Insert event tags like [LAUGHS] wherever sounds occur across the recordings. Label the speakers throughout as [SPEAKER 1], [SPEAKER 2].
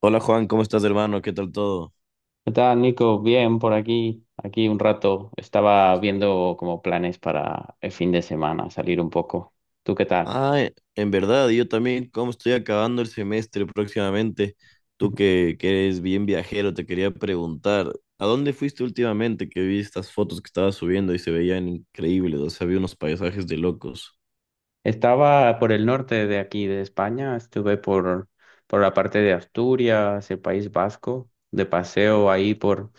[SPEAKER 1] Hola Juan, ¿cómo estás hermano? ¿Qué tal todo?
[SPEAKER 2] ¿Qué tal, Nico? Bien, por aquí. Aquí un rato estaba viendo como planes para el fin de semana, salir un poco. ¿Tú qué tal?
[SPEAKER 1] En verdad, yo también, ¿cómo estoy acabando el semestre próximamente? Tú
[SPEAKER 2] [LAUGHS]
[SPEAKER 1] que eres bien viajero, te quería preguntar, ¿a dónde fuiste últimamente que vi estas fotos que estabas subiendo y se veían increíbles? O sea, había unos paisajes de locos.
[SPEAKER 2] Estaba por el norte de aquí, de España. Estuve por la parte de Asturias, el País Vasco, de paseo ahí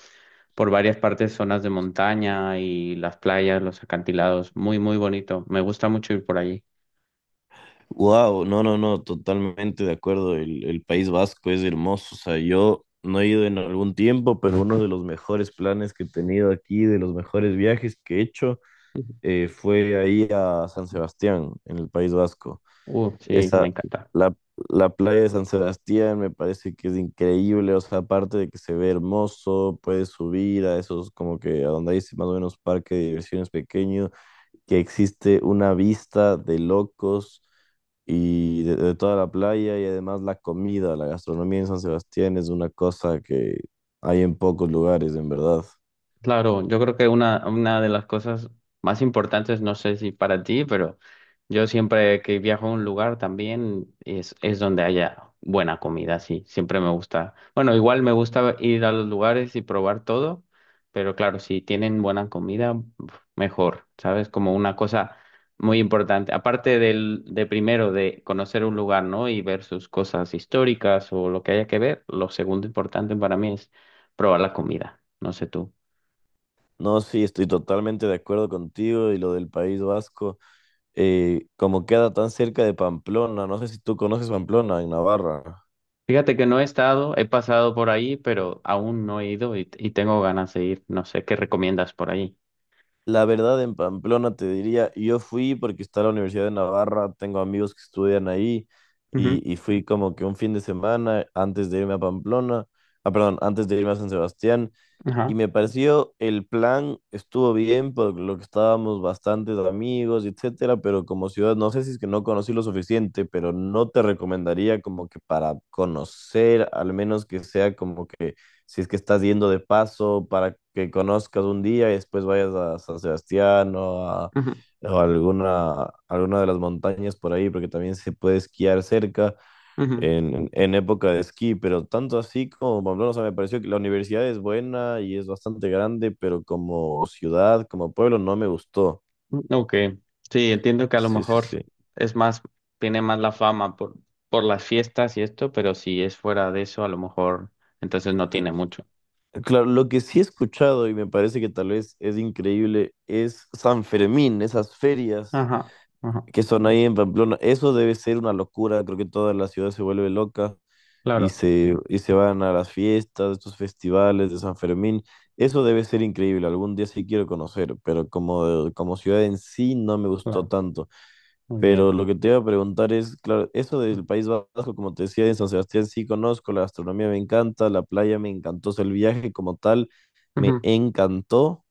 [SPEAKER 2] por varias partes, zonas de montaña y las playas, los acantilados. Muy, muy bonito. Me gusta mucho ir por allí.
[SPEAKER 1] Wow, no, no, no, totalmente de acuerdo. El País Vasco es hermoso. O sea, yo no he ido en algún tiempo, pero uno de los mejores planes que he tenido aquí, de los mejores viajes que he hecho.
[SPEAKER 2] [LAUGHS]
[SPEAKER 1] Fue ahí a San Sebastián, en el País Vasco.
[SPEAKER 2] Sí, me
[SPEAKER 1] Esa,
[SPEAKER 2] encanta.
[SPEAKER 1] la, la playa de San Sebastián me parece que es increíble, o sea, aparte de que se ve hermoso, puedes subir a esos, como que a donde hay ese más o menos parque de diversiones pequeño, que existe una vista de locos y de toda la playa y además la comida, la gastronomía en San Sebastián es una cosa que hay en pocos lugares, en verdad.
[SPEAKER 2] Claro, yo creo que una de las cosas más importantes, no sé si para ti, pero yo siempre que viajo a un lugar también es donde haya buena comida, sí, siempre me gusta. Bueno, igual me gusta ir a los lugares y probar todo, pero claro, si tienen buena comida, uf, mejor, ¿sabes? Como una cosa muy importante. Aparte de primero de conocer un lugar, ¿no? Y ver sus cosas históricas o lo que haya que ver, lo segundo importante para mí es probar la comida, no sé tú.
[SPEAKER 1] No, sí, estoy totalmente de acuerdo contigo y lo del País Vasco. Como queda tan cerca de Pamplona, no sé si tú conoces Pamplona en Navarra.
[SPEAKER 2] Fíjate que no he estado, he pasado por ahí, pero aún no he ido y tengo ganas de ir. No sé qué recomiendas por ahí.
[SPEAKER 1] La verdad, en Pamplona te diría, yo fui porque está la Universidad de Navarra, tengo amigos que estudian ahí
[SPEAKER 2] Ujú.
[SPEAKER 1] y fui como que un fin de semana antes de irme a Pamplona, ah, perdón, antes de irme a San Sebastián
[SPEAKER 2] Ajá.
[SPEAKER 1] y me pareció el plan estuvo bien por lo que estábamos bastantes amigos, etcétera, pero como ciudad, no sé si es que no conocí lo suficiente, pero no te recomendaría como que para conocer, al menos que sea como que si es que estás yendo de paso para que conozcas un día y después vayas a San Sebastián
[SPEAKER 2] Ujú,
[SPEAKER 1] o a alguna de las montañas por ahí, porque también se puede esquiar cerca en época de esquí, pero tanto así como Pamplona, o sea, me pareció que la universidad es buena y es bastante grande, pero como ciudad, como pueblo, no me gustó.
[SPEAKER 2] ujú. Ok. Sí, entiendo que a lo
[SPEAKER 1] Sí, sí,
[SPEAKER 2] mejor
[SPEAKER 1] sí.
[SPEAKER 2] es más, tiene más la fama por las fiestas y esto, pero si es fuera de eso, a lo mejor entonces no
[SPEAKER 1] L-
[SPEAKER 2] tiene mucho.
[SPEAKER 1] Claro, lo que sí he escuchado y me parece que tal vez es increíble es San Fermín, esas ferias
[SPEAKER 2] Ajá. Ajá.
[SPEAKER 1] que son ahí en Pamplona. Eso debe ser una locura. Creo que toda la ciudad se vuelve loca y
[SPEAKER 2] Claro,
[SPEAKER 1] se van a las fiestas, estos festivales de San Fermín. Eso debe ser increíble. Algún día sí quiero conocer, pero como, como ciudad en sí no me gustó
[SPEAKER 2] claro.
[SPEAKER 1] tanto.
[SPEAKER 2] Muy bien.
[SPEAKER 1] Pero lo que te iba a preguntar es, claro, eso del País Vasco, como te decía, en San Sebastián sí conozco, la gastronomía me encanta, la playa me encantó, o sea, el viaje como tal me
[SPEAKER 2] Ujú,
[SPEAKER 1] encantó,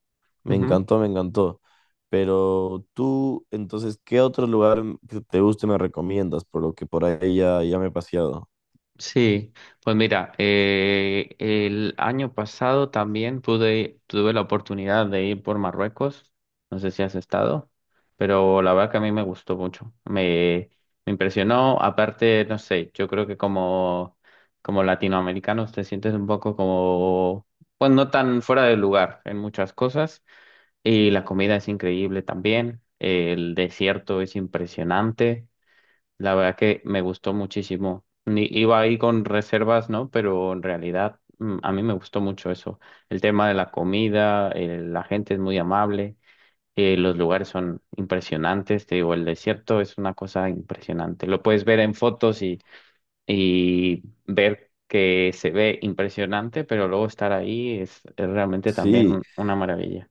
[SPEAKER 1] me
[SPEAKER 2] ujú.
[SPEAKER 1] encantó, me encantó. Pero tú, entonces, ¿qué otro lugar que te guste me recomiendas? Por lo que por ahí ya, ya me he paseado.
[SPEAKER 2] Sí, pues mira, el año pasado también tuve la oportunidad de ir por Marruecos, no sé si has estado, pero la verdad que a mí me gustó mucho, me impresionó, aparte, no sé, yo creo que como latinoamericanos te sientes un poco como, pues no tan fuera de lugar en muchas cosas, y la comida es increíble también, el desierto es impresionante. La verdad que me gustó muchísimo. Iba ahí con reservas, ¿no? Pero en realidad a mí me gustó mucho eso. El tema de la comida, la gente es muy amable, los lugares son impresionantes. Te digo, el desierto es una cosa impresionante. Lo puedes ver en fotos y ver que se ve impresionante, pero luego estar ahí es realmente también
[SPEAKER 1] Sí,
[SPEAKER 2] una maravilla.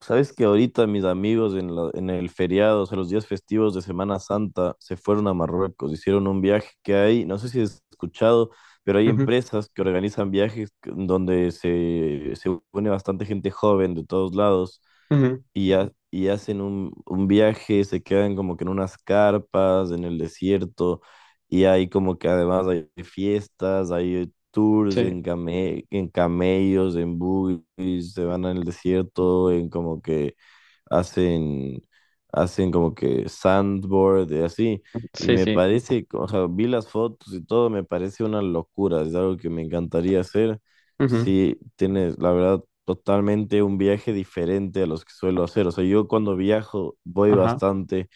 [SPEAKER 1] sabes que ahorita mis amigos en el feriado, o sea, los días festivos de Semana Santa, se fueron a Marruecos, hicieron un viaje que hay, no sé si has escuchado, pero hay empresas que organizan viajes donde se une bastante gente joven de todos lados
[SPEAKER 2] Ujú, ujú.
[SPEAKER 1] y hacen un viaje, se quedan como que en unas carpas, en el desierto, y hay como que además hay fiestas, hay tours
[SPEAKER 2] Sí,
[SPEAKER 1] en camellos, en buggies, se van al desierto, en como que hacen, hacen como que sandboard y así. Y
[SPEAKER 2] sí,
[SPEAKER 1] me
[SPEAKER 2] sí.
[SPEAKER 1] parece, o sea, vi las fotos y todo, me parece una locura, es algo que me encantaría hacer.
[SPEAKER 2] Ujú.
[SPEAKER 1] Sí, tienes, la verdad, totalmente un viaje diferente a los que suelo hacer. O sea, yo cuando viajo voy
[SPEAKER 2] Ajá,
[SPEAKER 1] bastante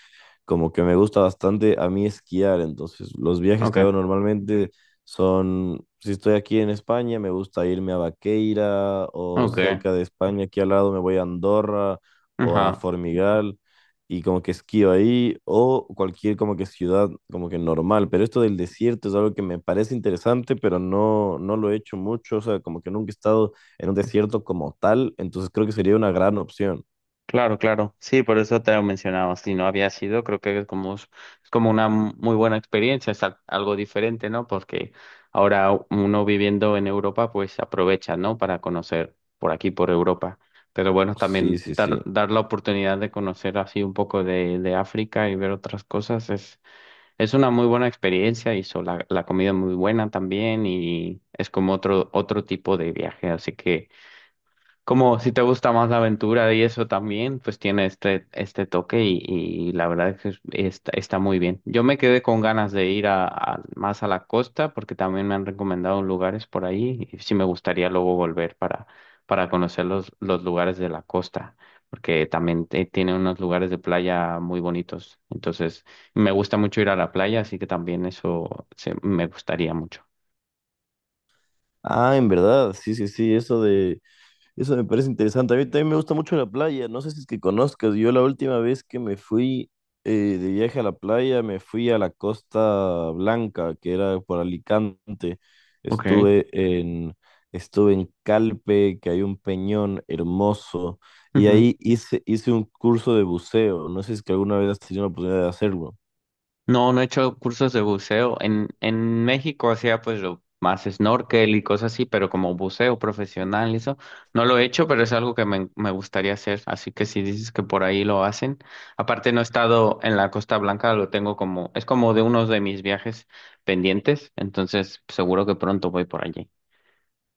[SPEAKER 1] como que me gusta bastante a mí esquiar, entonces los viajes
[SPEAKER 2] ok,
[SPEAKER 1] que hago normalmente son, si estoy aquí en España, me gusta irme a Vaqueira o
[SPEAKER 2] ok,
[SPEAKER 1] cerca de España, aquí al lado me voy a Andorra o a
[SPEAKER 2] ajá.
[SPEAKER 1] Formigal y como que esquío ahí o cualquier como que ciudad como que normal, pero esto del desierto es algo que me parece interesante, pero no, no lo he hecho mucho, o sea, como que nunca he estado en un desierto como tal, entonces creo que sería una gran opción.
[SPEAKER 2] Claro, claro. Sí, por eso te lo mencionaba. Si no había sido, creo que es como una muy buena experiencia, es algo diferente, ¿no? Porque ahora uno viviendo en Europa, pues aprovecha, ¿no? Para conocer por aquí, por Europa. Pero bueno,
[SPEAKER 1] Sí,
[SPEAKER 2] también
[SPEAKER 1] sí, sí.
[SPEAKER 2] dar la oportunidad de conocer así un poco de África y ver otras cosas es una muy buena experiencia y la comida es muy buena también y es como otro tipo de viaje. Así que... Como si te gusta más la aventura y eso también, pues tiene este toque y la verdad es que está, está muy bien. Yo me quedé con ganas de ir más a la costa porque también me han recomendado lugares por ahí y sí me gustaría luego volver para conocer los lugares de la costa porque también tiene unos lugares de playa muy bonitos. Entonces, me gusta mucho ir a la playa, así que también me gustaría mucho.
[SPEAKER 1] Ah, en verdad, sí, sí, sí, eso de, eso me parece interesante. A mí también me gusta mucho la playa, no sé si es que conozcas, yo la última vez que me fui eh, de viaje a la playa, me fui a la Costa Blanca, que era por Alicante.
[SPEAKER 2] Ok.
[SPEAKER 1] Estuve en, estuve en Calpe, que hay un peñón hermoso, y ahí hice, hice un curso de buceo, no sé si es que alguna vez has tenido la oportunidad de hacerlo.
[SPEAKER 2] No, no he hecho cursos de buceo. En México hacía pues lo más snorkel y cosas así, pero como buceo profesional y eso, no lo he hecho, pero es algo que me gustaría hacer. Así que si dices que por ahí lo hacen, aparte no he estado en la Costa Blanca, lo tengo como, es como de uno de mis viajes pendientes, entonces seguro que pronto voy por allí.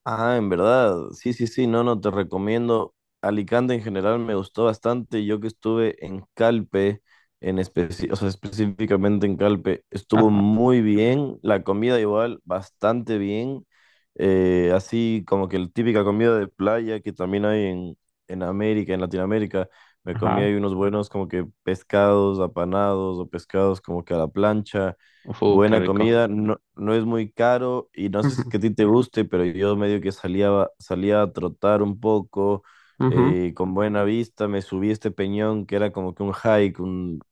[SPEAKER 1] Ah, en verdad, sí, sí, sí, no, no, te recomiendo. Alicante en general me gustó bastante. Yo que estuve en Calpe, o sea, específicamente en Calpe, estuvo
[SPEAKER 2] Ajá,
[SPEAKER 1] muy bien. La comida igual, bastante bien. Así como que la típica comida de playa que también hay en América, en Latinoamérica. Me comí
[SPEAKER 2] ajá.
[SPEAKER 1] ahí unos buenos como que pescados apanados o pescados como que a la plancha.
[SPEAKER 2] Uf, qué
[SPEAKER 1] Buena
[SPEAKER 2] rico.
[SPEAKER 1] comida, no, no es muy caro y no
[SPEAKER 2] [LAUGHS]
[SPEAKER 1] sé si es que a
[SPEAKER 2] Ujú,
[SPEAKER 1] ti te guste, pero yo medio que salía, salía a trotar un poco
[SPEAKER 2] ujú,
[SPEAKER 1] con buena vista, me subí a este peñón que era como que un hike, un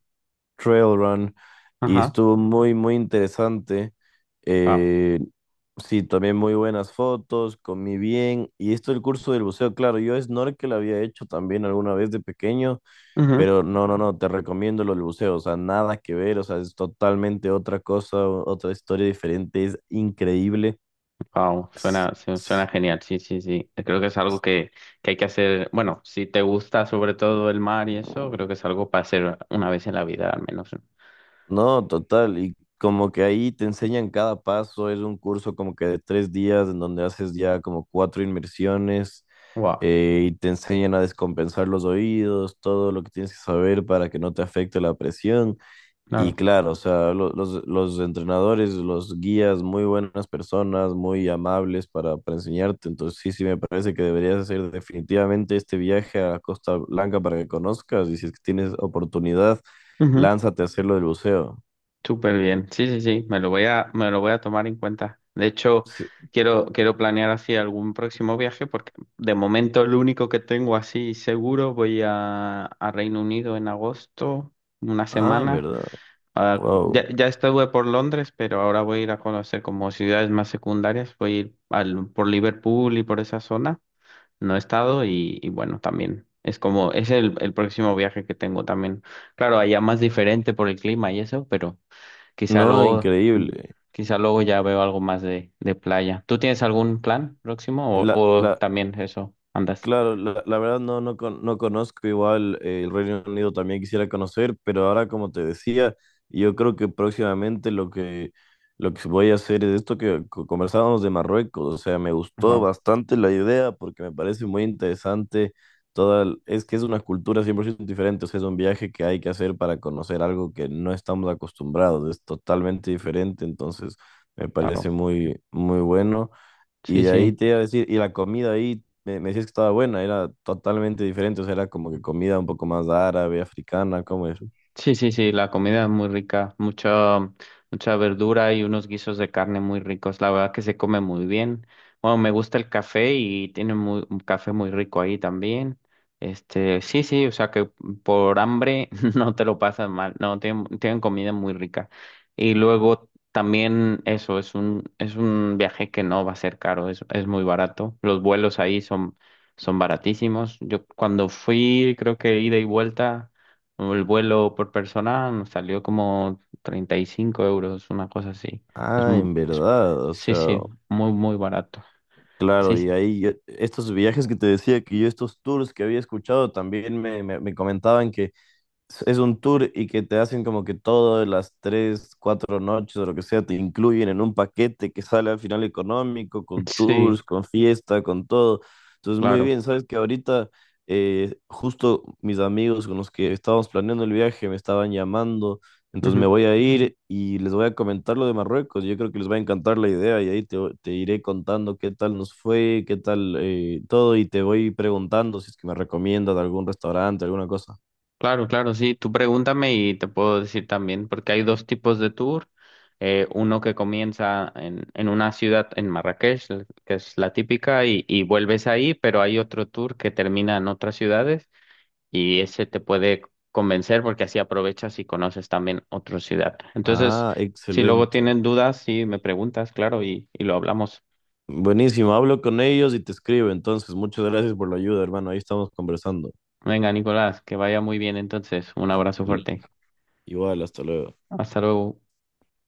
[SPEAKER 1] trail run y
[SPEAKER 2] ajá,
[SPEAKER 1] estuvo muy, muy interesante. Eh, sí, también muy buenas fotos, comí bien y esto el curso del buceo, claro, yo snorkel había hecho también alguna vez de pequeño,
[SPEAKER 2] wow.
[SPEAKER 1] pero no, no, no, te recomiendo los buceos, o sea, nada que ver, o sea, es totalmente otra cosa, otra historia diferente, es increíble.
[SPEAKER 2] Wow,
[SPEAKER 1] S-
[SPEAKER 2] suena, suena
[SPEAKER 1] s-
[SPEAKER 2] genial, sí, sí, sí. Creo que es algo que hay que hacer, bueno, si te gusta sobre todo el mar y eso, creo que es algo para hacer una vez en la vida al menos.
[SPEAKER 1] No, total, y como que ahí te enseñan cada paso, es un curso como que de tres días en donde haces ya como cuatro inmersiones,
[SPEAKER 2] Wow,
[SPEAKER 1] y te enseñan a descompensar los oídos, todo lo que tienes que saber para que no te afecte la presión. Y
[SPEAKER 2] claro.
[SPEAKER 1] claro, o sea, los entrenadores, los guías, muy buenas personas, muy amables para enseñarte. Entonces, sí, sí, me parece que deberías hacer definitivamente este viaje a Costa Blanca para que conozcas. Y si es que tienes oportunidad,
[SPEAKER 2] Ujú.
[SPEAKER 1] lánzate a hacer lo del buceo.
[SPEAKER 2] Súper bien, sí, sí, sí, me lo voy a tomar en cuenta. De hecho,
[SPEAKER 1] Sí.
[SPEAKER 2] quiero planear así algún próximo viaje porque de momento el único que tengo así seguro voy a Reino Unido en agosto, una
[SPEAKER 1] Ah, en
[SPEAKER 2] semana.
[SPEAKER 1] verdad.
[SPEAKER 2] Ah,
[SPEAKER 1] Wow.
[SPEAKER 2] ya estuve por Londres, pero ahora voy a ir a conocer como ciudades más secundarias. Voy a ir por Liverpool y por esa zona. No he estado y bueno, también es como, es el próximo viaje que tengo también. Claro, allá más diferente por el clima y eso, pero quizá
[SPEAKER 1] No,
[SPEAKER 2] luego,
[SPEAKER 1] increíble.
[SPEAKER 2] quizá luego ya veo algo más de playa. ¿Tú tienes algún plan próximo
[SPEAKER 1] La,
[SPEAKER 2] o
[SPEAKER 1] la,
[SPEAKER 2] también eso andas?
[SPEAKER 1] Claro, la verdad no, no, no conozco igual. El Reino Unido también quisiera conocer, pero ahora como te decía, yo creo que próximamente lo que voy a hacer es esto que conversábamos de Marruecos, o sea, me gustó
[SPEAKER 2] Claro,
[SPEAKER 1] bastante la idea porque me parece muy interesante toda, es que es una cultura 100% diferente, o sea, es un viaje que hay que hacer para conocer algo que no estamos acostumbrados, es totalmente diferente, entonces me parece
[SPEAKER 2] claro.
[SPEAKER 1] muy, muy bueno. Y
[SPEAKER 2] Sí,
[SPEAKER 1] de ahí
[SPEAKER 2] sí.
[SPEAKER 1] te iba a decir, y la comida ahí, me decías que estaba buena, era totalmente diferente, o sea, era como que comida un poco más árabe, africana, ¿cómo es?
[SPEAKER 2] Sí, sí, sí, la comida es muy rica, mucha, mucha verdura y unos guisos de carne muy ricos. La verdad que se come muy bien. Bueno, me gusta el café y tiene un café muy rico ahí también. Este, sí, sí, o sea que por hambre [LAUGHS] no te lo pasas mal. No, tienen, tienen comida muy rica. Y luego también eso, es es un viaje que no va a ser caro, es muy barato. Los vuelos ahí son, son baratísimos. Yo cuando fui, creo que ida y vuelta. El vuelo por persona nos salió como 35 euros, una cosa así. Es,
[SPEAKER 1] Ah, en verdad, o
[SPEAKER 2] sí,
[SPEAKER 1] sea,
[SPEAKER 2] sí, muy, muy barato.
[SPEAKER 1] claro,
[SPEAKER 2] Sí,
[SPEAKER 1] y
[SPEAKER 2] sí. [LAUGHS]
[SPEAKER 1] ahí estos viajes que te decía que yo, estos tours que había escuchado, también me comentaban que es un tour y que te hacen como que todas las tres, cuatro noches o lo que sea, te incluyen en un paquete que sale al final económico, con tours,
[SPEAKER 2] Sí,
[SPEAKER 1] con fiesta, con todo. Entonces, muy
[SPEAKER 2] claro.
[SPEAKER 1] bien, sabes que ahorita justo mis amigos con los que estábamos planeando el viaje me estaban llamando, entonces me
[SPEAKER 2] Ujú.
[SPEAKER 1] voy a ir y les voy a comentar lo de Marruecos. Yo creo que les va a encantar la idea y ahí te, te iré contando qué tal nos fue, qué tal todo y te voy preguntando si es que me recomiendas algún restaurante, alguna cosa.
[SPEAKER 2] Claro, claro, sí. Tú pregúntame y te puedo decir también, porque hay dos tipos de tour. Uno que comienza en una ciudad en Marrakech, que es la típica, y vuelves ahí, pero hay otro tour que termina en otras ciudades y ese te puede convencer porque así aprovechas y conoces también otra ciudad. Entonces,
[SPEAKER 1] Ah,
[SPEAKER 2] si luego
[SPEAKER 1] excelente.
[SPEAKER 2] tienen dudas, sí me preguntas, claro, y lo hablamos.
[SPEAKER 1] Buenísimo, hablo con ellos y te escribo. Entonces, muchas gracias por la ayuda, hermano. Ahí estamos conversando.
[SPEAKER 2] Venga, Nicolás, que vaya muy bien entonces. Un abrazo
[SPEAKER 1] L-
[SPEAKER 2] fuerte.
[SPEAKER 1] Igual, hasta luego.
[SPEAKER 2] Hasta luego.